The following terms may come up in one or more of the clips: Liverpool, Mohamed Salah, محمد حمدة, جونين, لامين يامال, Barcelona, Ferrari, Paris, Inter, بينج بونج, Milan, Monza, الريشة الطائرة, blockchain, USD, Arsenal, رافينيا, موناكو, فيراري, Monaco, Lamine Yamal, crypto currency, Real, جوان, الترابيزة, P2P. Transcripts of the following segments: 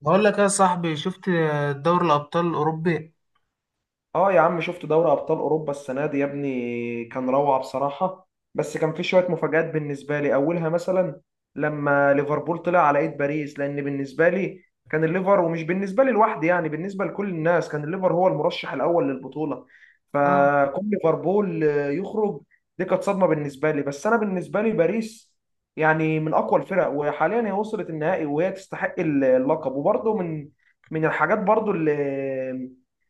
بقول لك يا صاحبي، شفت دوري الابطال الاوروبي. اه يا عم، شفت دوري ابطال اوروبا السنه دي يا ابني؟ كان روعه بصراحه. بس كان في شويه مفاجآت بالنسبه لي، اولها مثلا لما ليفربول طلع على ايد باريس، لان بالنسبه لي كان الليفر، ومش بالنسبه لي لوحدي يعني، بالنسبه لكل الناس كان الليفر هو المرشح الاول للبطوله. اه، فكون ليفربول يخرج دي كانت صدمه بالنسبه لي. بس انا بالنسبه لي باريس يعني من اقوى الفرق، وحاليا هي وصلت النهائي وهي تستحق اللقب. وبرضه من الحاجات برضه اللي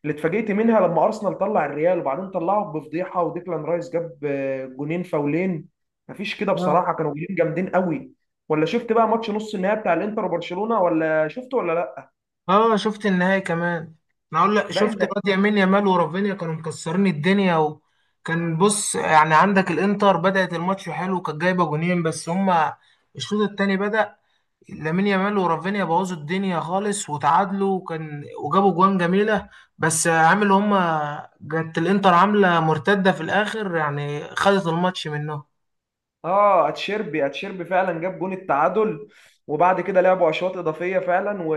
اللي اتفاجئت منها لما ارسنال طلع الريال وبعدين طلعه بفضيحه، وديكلان رايس جاب جونين فاولين مفيش كده اه، بصراحه، كانوا جولين جامدين قوي. ولا شفت بقى ماتش نص النهائي بتاع الانتر وبرشلونه ولا شفته ولا لا؟ اه، شفت النهائي كمان. انا اقول لك، لا شفت ان الواد يمين يامال ورافينيا كانوا مكسرين الدنيا. وكان بص، يعني عندك الانتر بدأت الماتش حلو، كانت جايبه جونين. بس هما الشوط الثاني بدأ لامين يامال ورافينيا بوظوا الدنيا خالص وتعادلوا، وكان وجابوا جوان جميله. بس عامل هما جت الانتر عامله مرتده في الاخر، يعني خدت الماتش منهم. اه، اتشيربي فعلا جاب جون التعادل، وبعد كده لعبوا اشواط اضافيه فعلا. و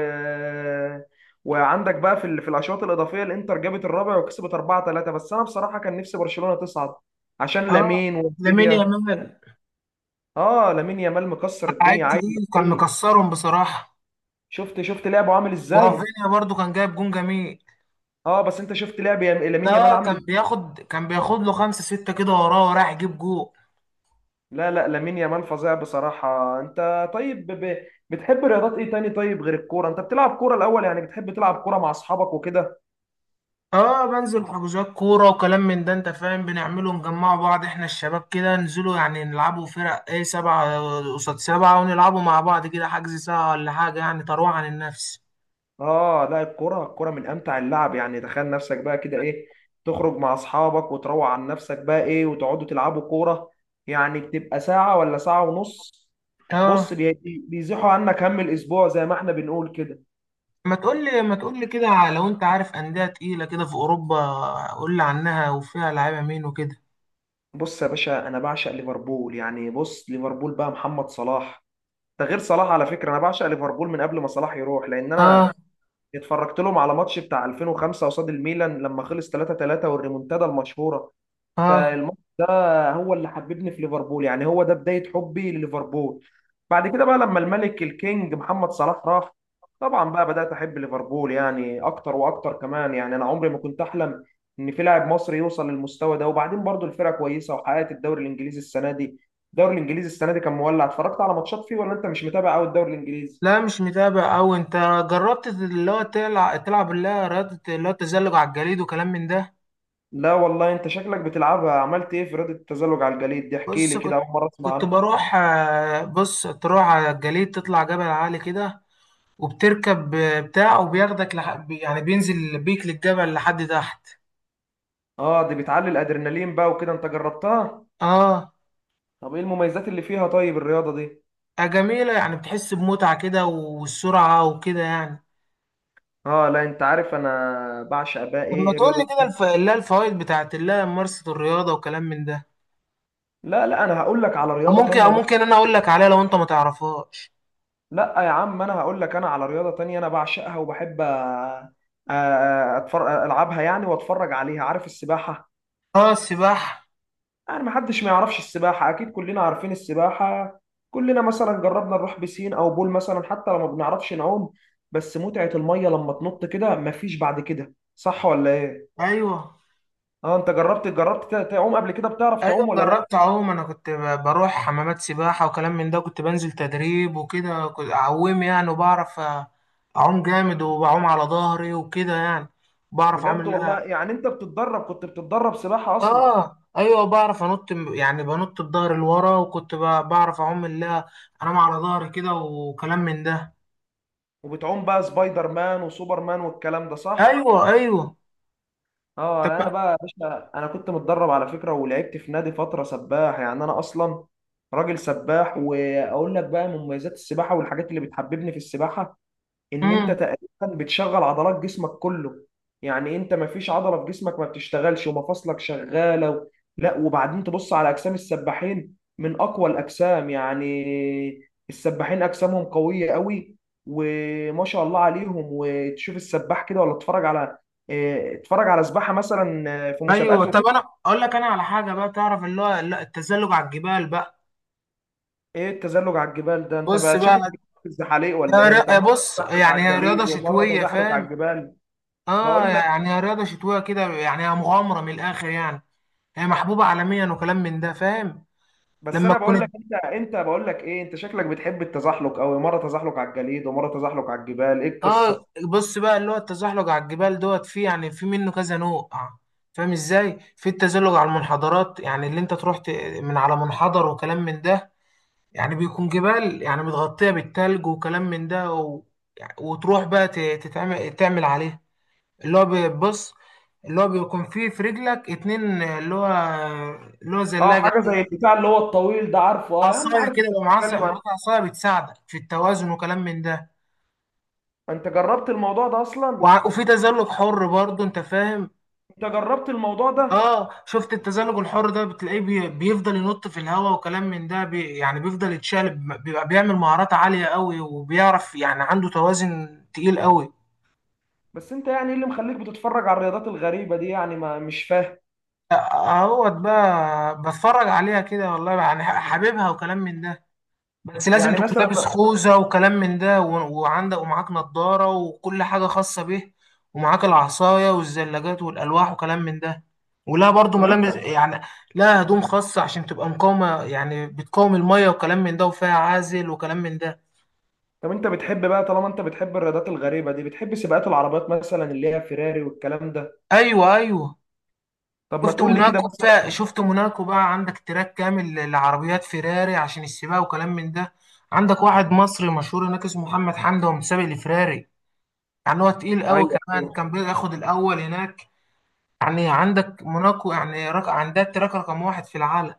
وعندك بقى في الاشواط الاضافيه الانتر جابت الرابع وكسبت 4-3. بس انا بصراحه كان نفسي برشلونه تصعد عشان اه، لامين لامين ورافينيا. يامال اه لامين يامال مكسر لعيب الدنيا، عايز تقيل، كان ايه؟ مكسرهم بصراحة. شفت لعبه عامل ازاي. ورافينيا برضو كان جايب جون جميل. اه، بس انت شفت لعب لامين يامال لا، عامل كان ازاي؟ بياخد كان بياخد له خمسة ستة كده وراه، وراح يجيب جون. لا لا، لامين يامال فظيع بصراحه. انت طيب بتحب رياضات ايه تاني، طيب غير الكوره؟ انت بتلعب كوره الاول يعني، بتحب تلعب كوره مع اصحابك وكده؟ اه، بنزل حجوزات كورة وكلام من ده، انت فاهم، بنعمله نجمع بعض، احنا الشباب كده ننزلوا، يعني نلعبوا فرق، ايه، سبعة قصاد سبعة، ونلعبوا مع بعض كده، حجز ساعة ولا حاجة، يعني تروح عن النفس. اه لا، الكوره الكوره من امتع اللعب. يعني تخيل نفسك بقى كده ايه، تخرج مع اصحابك وتروق عن نفسك بقى ايه، وتقعدوا تلعبوا كوره، يعني بتبقى ساعه ولا ساعه ونص. اه، بص بيزيحوا عنك هم الاسبوع، زي ما احنا بنقول كده. ما تقول لي كده، لو انت عارف أندية تقيلة كده في أوروبا، قول لي عنها، وفيها لعيبة مين وكده. بص يا باشا، انا بعشق ليفربول. يعني بص ليفربول بقى محمد صلاح، ده غير صلاح على فكره، انا بعشق ليفربول من قبل ما صلاح يروح، لان اه، انا اتفرجت لهم على ماتش بتاع 2005 قصاد الميلان لما خلص 3-3، والريمونتادا المشهوره. اه، فالماتش ده هو اللي حببني في ليفربول، يعني هو ده بداية حبي لليفربول. بعد كده بقى لما الملك الكينج محمد صلاح راح، طبعا بقى بدأت أحب ليفربول يعني أكتر وأكتر كمان. يعني أنا عمري ما كنت أحلم إن في لاعب مصري يوصل للمستوى ده. وبعدين برضو الفرقة كويسة وحققت الدوري الإنجليزي السنة دي. الدوري الإنجليزي السنة دي كان مولع، اتفرجت على ماتشات فيه ولا أنت مش متابع أوي الدوري الإنجليزي؟ لا، مش متابع أوي. أنت جربت، اللي هو، تلعب اللي هي رياضة، اللي هو التزلج على الجليد وكلام من ده؟ لا والله أنت شكلك بتلعبها. عملت إيه في رياضة التزلج على الجليد دي، احكي بص، لي كده، كنت أول مرة أسمع كنت عنها. بروح، بص، تروح على الجليد، تطلع جبل عالي كده، وبتركب بتاع، وبياخدك يعني بينزل بيك للجبل لحد تحت. آه دي بتعلي الأدرينالين بقى وكده، أنت جربتها؟ اه، طب ايه المميزات اللي فيها طيب الرياضة دي؟ جميلة، يعني بتحس بمتعة كده والسرعة وكده يعني. اه لا، انت عارف انا بعشق بقى طب، ما ايه تقول لي رياضة كده تانية. اللي هي الفوائد بتاعت اللي هي ممارسة الرياضة وكلام من ده. لا لا، انا هقول لك على أو رياضة ممكن أو تانية بقى. ممكن أنا أقول لك عليها لو أنت ما تعرفهاش. لا يا عم، انا هقول لك انا على رياضة تانية انا بعشقها وبحب اتفرج العبها يعني، واتفرج عليها، عارف؟ السباحة. اه، السباحة. يعني محدش ما يعرفش السباحة، اكيد كلنا عارفين السباحة. كلنا مثلا جربنا نروح بسين او بول مثلا، حتى لو ما بنعرفش نعوم بس متعة المية لما تنط كده مفيش بعد كده، صح ولا ايه؟ ايوه، اه انت جربت، تعوم قبل كده؟ بتعرف ايوه، تعوم ولا لا؟ جربت اعوم. انا كنت بروح حمامات سباحه وكلام من ده، كنت بنزل تدريب وكده، كنت اعوم يعني، وبعرف اعوم جامد، وبعوم على ظهري وكده يعني. بعرف اعوم، بجد والله، لا. يعني انت بتتدرب، كنت بتتدرب سباحة اصلا؟ اه، ايوه، بعرف انط يعني بنط بظهري لورا، وكنت بعرف اعوم، لا، انام على ظهري كده وكلام من ده. وبتعوم بقى سبايدر مان وسوبر مان والكلام ده، صح؟ ايوه، ايوه. اه انا طب. بقى يا باشا، انا كنت متدرب على فكرة ولعبت في نادي فترة سباح. يعني انا اصلا راجل سباح، واقول لك بقى مميزات السباحة والحاجات اللي بتحببني في السباحة. ان انت امم. تقريبا بتشغل عضلات جسمك كله، يعني انت ما فيش عضله في جسمك ما بتشتغلش، ومفاصلك شغاله لا. وبعدين تبص على اجسام السباحين، من اقوى الاجسام يعني السباحين اجسامهم قويه قوي وما شاء الله عليهم. وتشوف السباح كده، ولا تتفرج على اه، اتفرج على سباحه مثلا، اه، في ايوه. مسابقات طب، وكده. انا اقول لك انا على حاجه بقى، تعرف اللي هو، لا، التزلج على الجبال بقى. ايه التزلج على الجبال ده؟ انت بص بقى بقى، شكلك في الزحاليق ولا ايه؟ انت مره بص، تزحلق يعني على هي رياضة الجليد ومره شتوية، تزحلق على فاهم؟ الجبال؟ اه، بقول لك، يعني هي رياضة شتوية كده، يعني هي مغامرة من الآخر يعني. هي محبوبة عالميا وكلام من ده، فاهم؟ بس لما انا بقول تكون، لك انت انت بقول لك ايه، انت شكلك بتحب التزحلق قوي، مره تزحلق على الجليد ومره تزحلق على الجبال، ايه اه، القصه؟ بص بقى اللي هو التزحلق على الجبال دوت، فيه يعني في منه كذا نوع. فاهم ازاي؟ في التزحلق على المنحدرات، يعني اللي انت تروح من على منحدر وكلام من ده. يعني بيكون جبال، يعني متغطية بالتلج وكلام من ده. و... يعني وتروح بقى ت- تتعمل تعمل عليه، اللي هو بيبص، اللي هو بيكون فيه في رجلك اتنين، اللي هو اه زلاجة. حاجه زي البتاع اللي هو الطويل ده، عارفه. اه يا عم عصاية عارف، كده، انت يبقى معاك بتتكلم عن، معاك عصاية بتساعدك في التوازن وكلام من ده. انت جربت الموضوع ده اصلا؟ وفي تزلج حر برضه، انت فاهم؟ انت جربت الموضوع ده؟ اه، شفت التزلج الحر ده، بتلاقيه بيفضل ينط في الهواء وكلام من ده، يعني بيفضل يتشقلب، بيبقى بيعمل مهارات عالية قوي، وبيعرف يعني عنده توازن تقيل قوي. بس انت يعني ايه اللي مخليك بتتفرج على الرياضات الغريبه دي يعني، ما مش فاهم. اهوت بقى بتفرج عليها كده، والله يعني حاببها وكلام من ده. بس لازم يعني تكون مثلا، لابس خوذة وكلام من ده، وعندك ومعاك نضارة وكل حاجة خاصة به، ومعاك العصاية والزلاجات والألواح وكلام من ده، ولا برضو طب انت ملابس يعني. لا، هدوم خاصة عشان تبقى مقاومة، يعني بتقاوم المية وكلام من ده، وفيها عازل وكلام من ده. طب انت بتحب بقى طالما انت بتحب الرياضات الغريبه دي بتحب سباقات العربيات مثلا، اللي هي فيراري والكلام ده؟ أيوة، أيوة. طب ما شفت تقول لي كده موناكو فيها، مثلا. شفت موناكو بقى، عندك تراك كامل لعربيات فيراري عشان السباق وكلام من ده. عندك واحد آه، مصري مشهور هناك اسمه محمد حمدة، ومسابق لفيراري، يعني هو تقيل قوي ايوه كمان، ايوه. كان بياخد الأول هناك. يعني عندك موناكو، يعني عندها التراك رقم واحد في العالم.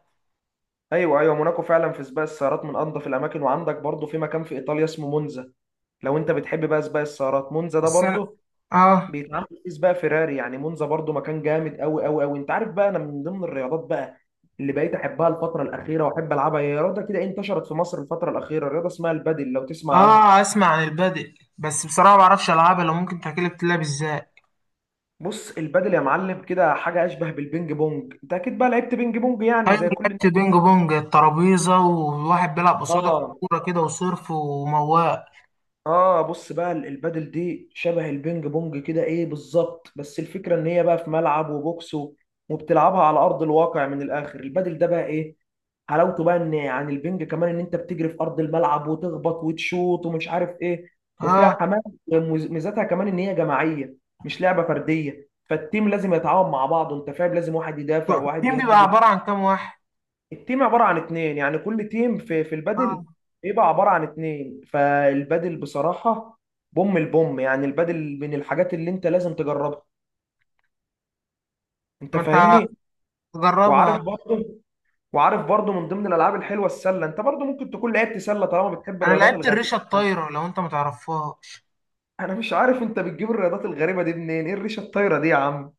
ايوه ايوه، موناكو فعلا في سباق السيارات من انظف الاماكن. وعندك برضو في مكان في ايطاليا اسمه مونزا، لو انت بتحب بقى سباق السيارات، مونزا ده بس انا. برضو اه. بيتعمل فيه سباق فيراري. يعني مونزا برضو مكان جامد قوي قوي قوي. انت عارف بقى، انا من ضمن الرياضات بقى اللي بقيت احبها الفتره الاخيره واحب العبها هي رياضه كده انتشرت في مصر الفتره الاخيره، رياضه اسمها البادل، لو تسمع عنها. اه، اسمع عن البادئ، بس بصراحه ما بعرفش العبها. لو ممكن تحكي لي، بتلعب ازاي؟ بص البادل يا معلم، كده حاجه اشبه بالبينج بونج. انت اكيد بقى لعبت بينج بونج يعني ايوه، زي كل الناس. لعبت بينج بونج، الترابيزه وواحد بيلعب قصادك اه، كوره كده وصرف ومواق. اه بص بقى البادل دي شبه البينج بونج كده ايه بالظبط، بس الفكره ان هي بقى في ملعب وبوكس وبتلعبها على ارض الواقع. من الاخر البادل ده بقى ايه حلاوته، بقى ان عن البنج كمان ان انت بتجري في ارض الملعب وتخبط وتشوط ومش عارف ايه، وفيها اه، حماس. ميزتها كمان ان هي جماعيه، مش لعبه فرديه، فالتيم لازم يتعاون مع بعضه انت فاهم، لازم واحد يدافع وواحد التيم بيبقى يهاجم. عباره عن كام واحد؟ التيم عبارة عن اتنين، يعني كل تيم في البادل اه، بيبقى عبارة عن اتنين. فالبادل بصراحة، بوم البوم، يعني البادل من الحاجات اللي انت لازم تجربها، انت ما انت فاهمني. جربها. وعارف برضه، من ضمن الالعاب الحلوة السلة، انت برضه ممكن تكون لعبت سلة طالما بتحب انا الرياضات لعبت الغريبة. الريشه الطايره، لو انت ما تعرفها. انا مش عارف انت بتجيب الرياضات الغريبة دي منين، ايه الريشة الطايرة دي يا عم؟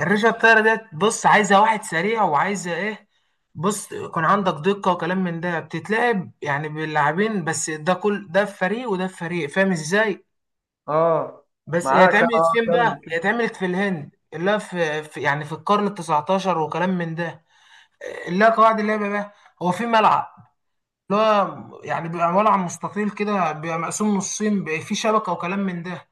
الريشه الطايره ديت، بص، عايزه واحد سريع، وعايزه ايه، بص، يكون عندك دقه وكلام من ده. بتتلعب يعني باللاعبين بس، ده كل ده في فريق وده في فريق، فاهم ازاي؟ اه بس هي معاك، اتعملت اه فين بقى، هي كمل. اتعملت في الهند، اللي هو يعني في القرن التسعتاشر وكلام من ده. اللي هو قواعد اللعبه بقى، هو في ملعب، اللي هو يعني بيبقى ملعب مستطيل كده، بيبقى مقسوم نصين، بيبقى فيه شبكه وكلام من ده،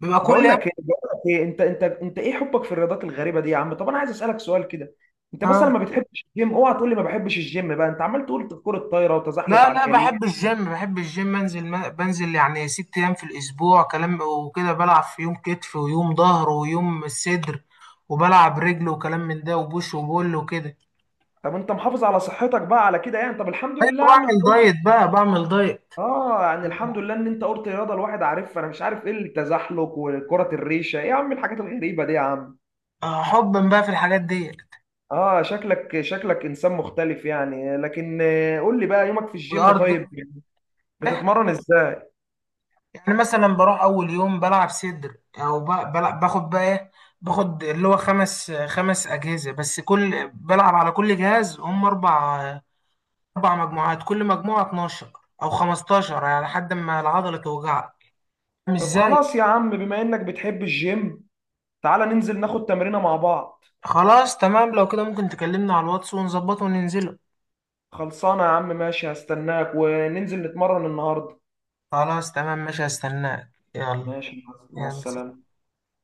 بيبقى كل. بقول لك ايه انت، ايه حبك في الرياضات الغريبه دي يا عم؟ طب انا عايز اسالك سؤال كده، انت مثلا اه، ما بتحبش الجيم؟ اوعى تقول لي ما بحبش الجيم بقى، انت عمال تقول كرة الطايره وتزحلق لا، على لا، الجليد. بحب الجيم بنزل، ما بنزل يعني 6 ايام في الاسبوع كلام وكده، بلعب في يوم كتف ويوم ظهر ويوم الصدر، وبلعب رجل وكلام من ده وبوش وبول وكده. طب انت محافظ على صحتك بقى على كده يعني؟ طب الحمد ايوه، لله يا عم، بعمل انت قلت. دايت بقى، بعمل دايت. اه يعني الحمد لله ان انت قلت رياضه الواحد عارفها، انا مش عارف ايه التزحلق وكره الريشه، ايه يا عم الحاجات الغريبه دي يا عم؟ حبا بقى في الحاجات ديت. اه شكلك، انسان مختلف يعني، لكن قول لي بقى يومك في الجيم، وارض. طيب بتتمرن ازاي؟ يعني مثلا بروح اول يوم بلعب صدر، او بلعب، باخد بقى ايه، باخد اللي هو خمس خمس اجهزه بس، كل بلعب على كل جهاز هم اربع، أربع مجموعات، كل مجموعة 12 أو 15 يعني، لحد ما العضلة توجعك. مش طب زي. خلاص يا عم، بما انك بتحب الجيم تعالى ننزل ناخد تمرينة مع بعض. خلاص، تمام. لو كده ممكن تكلمنا على الواتس ونظبطه وننزله. خلصانة يا عم، ماشي هستناك وننزل نتمرن النهاردة. خلاص، تمام، ماشي، هستناك، يلا. ماشي مع يلا. السلامة.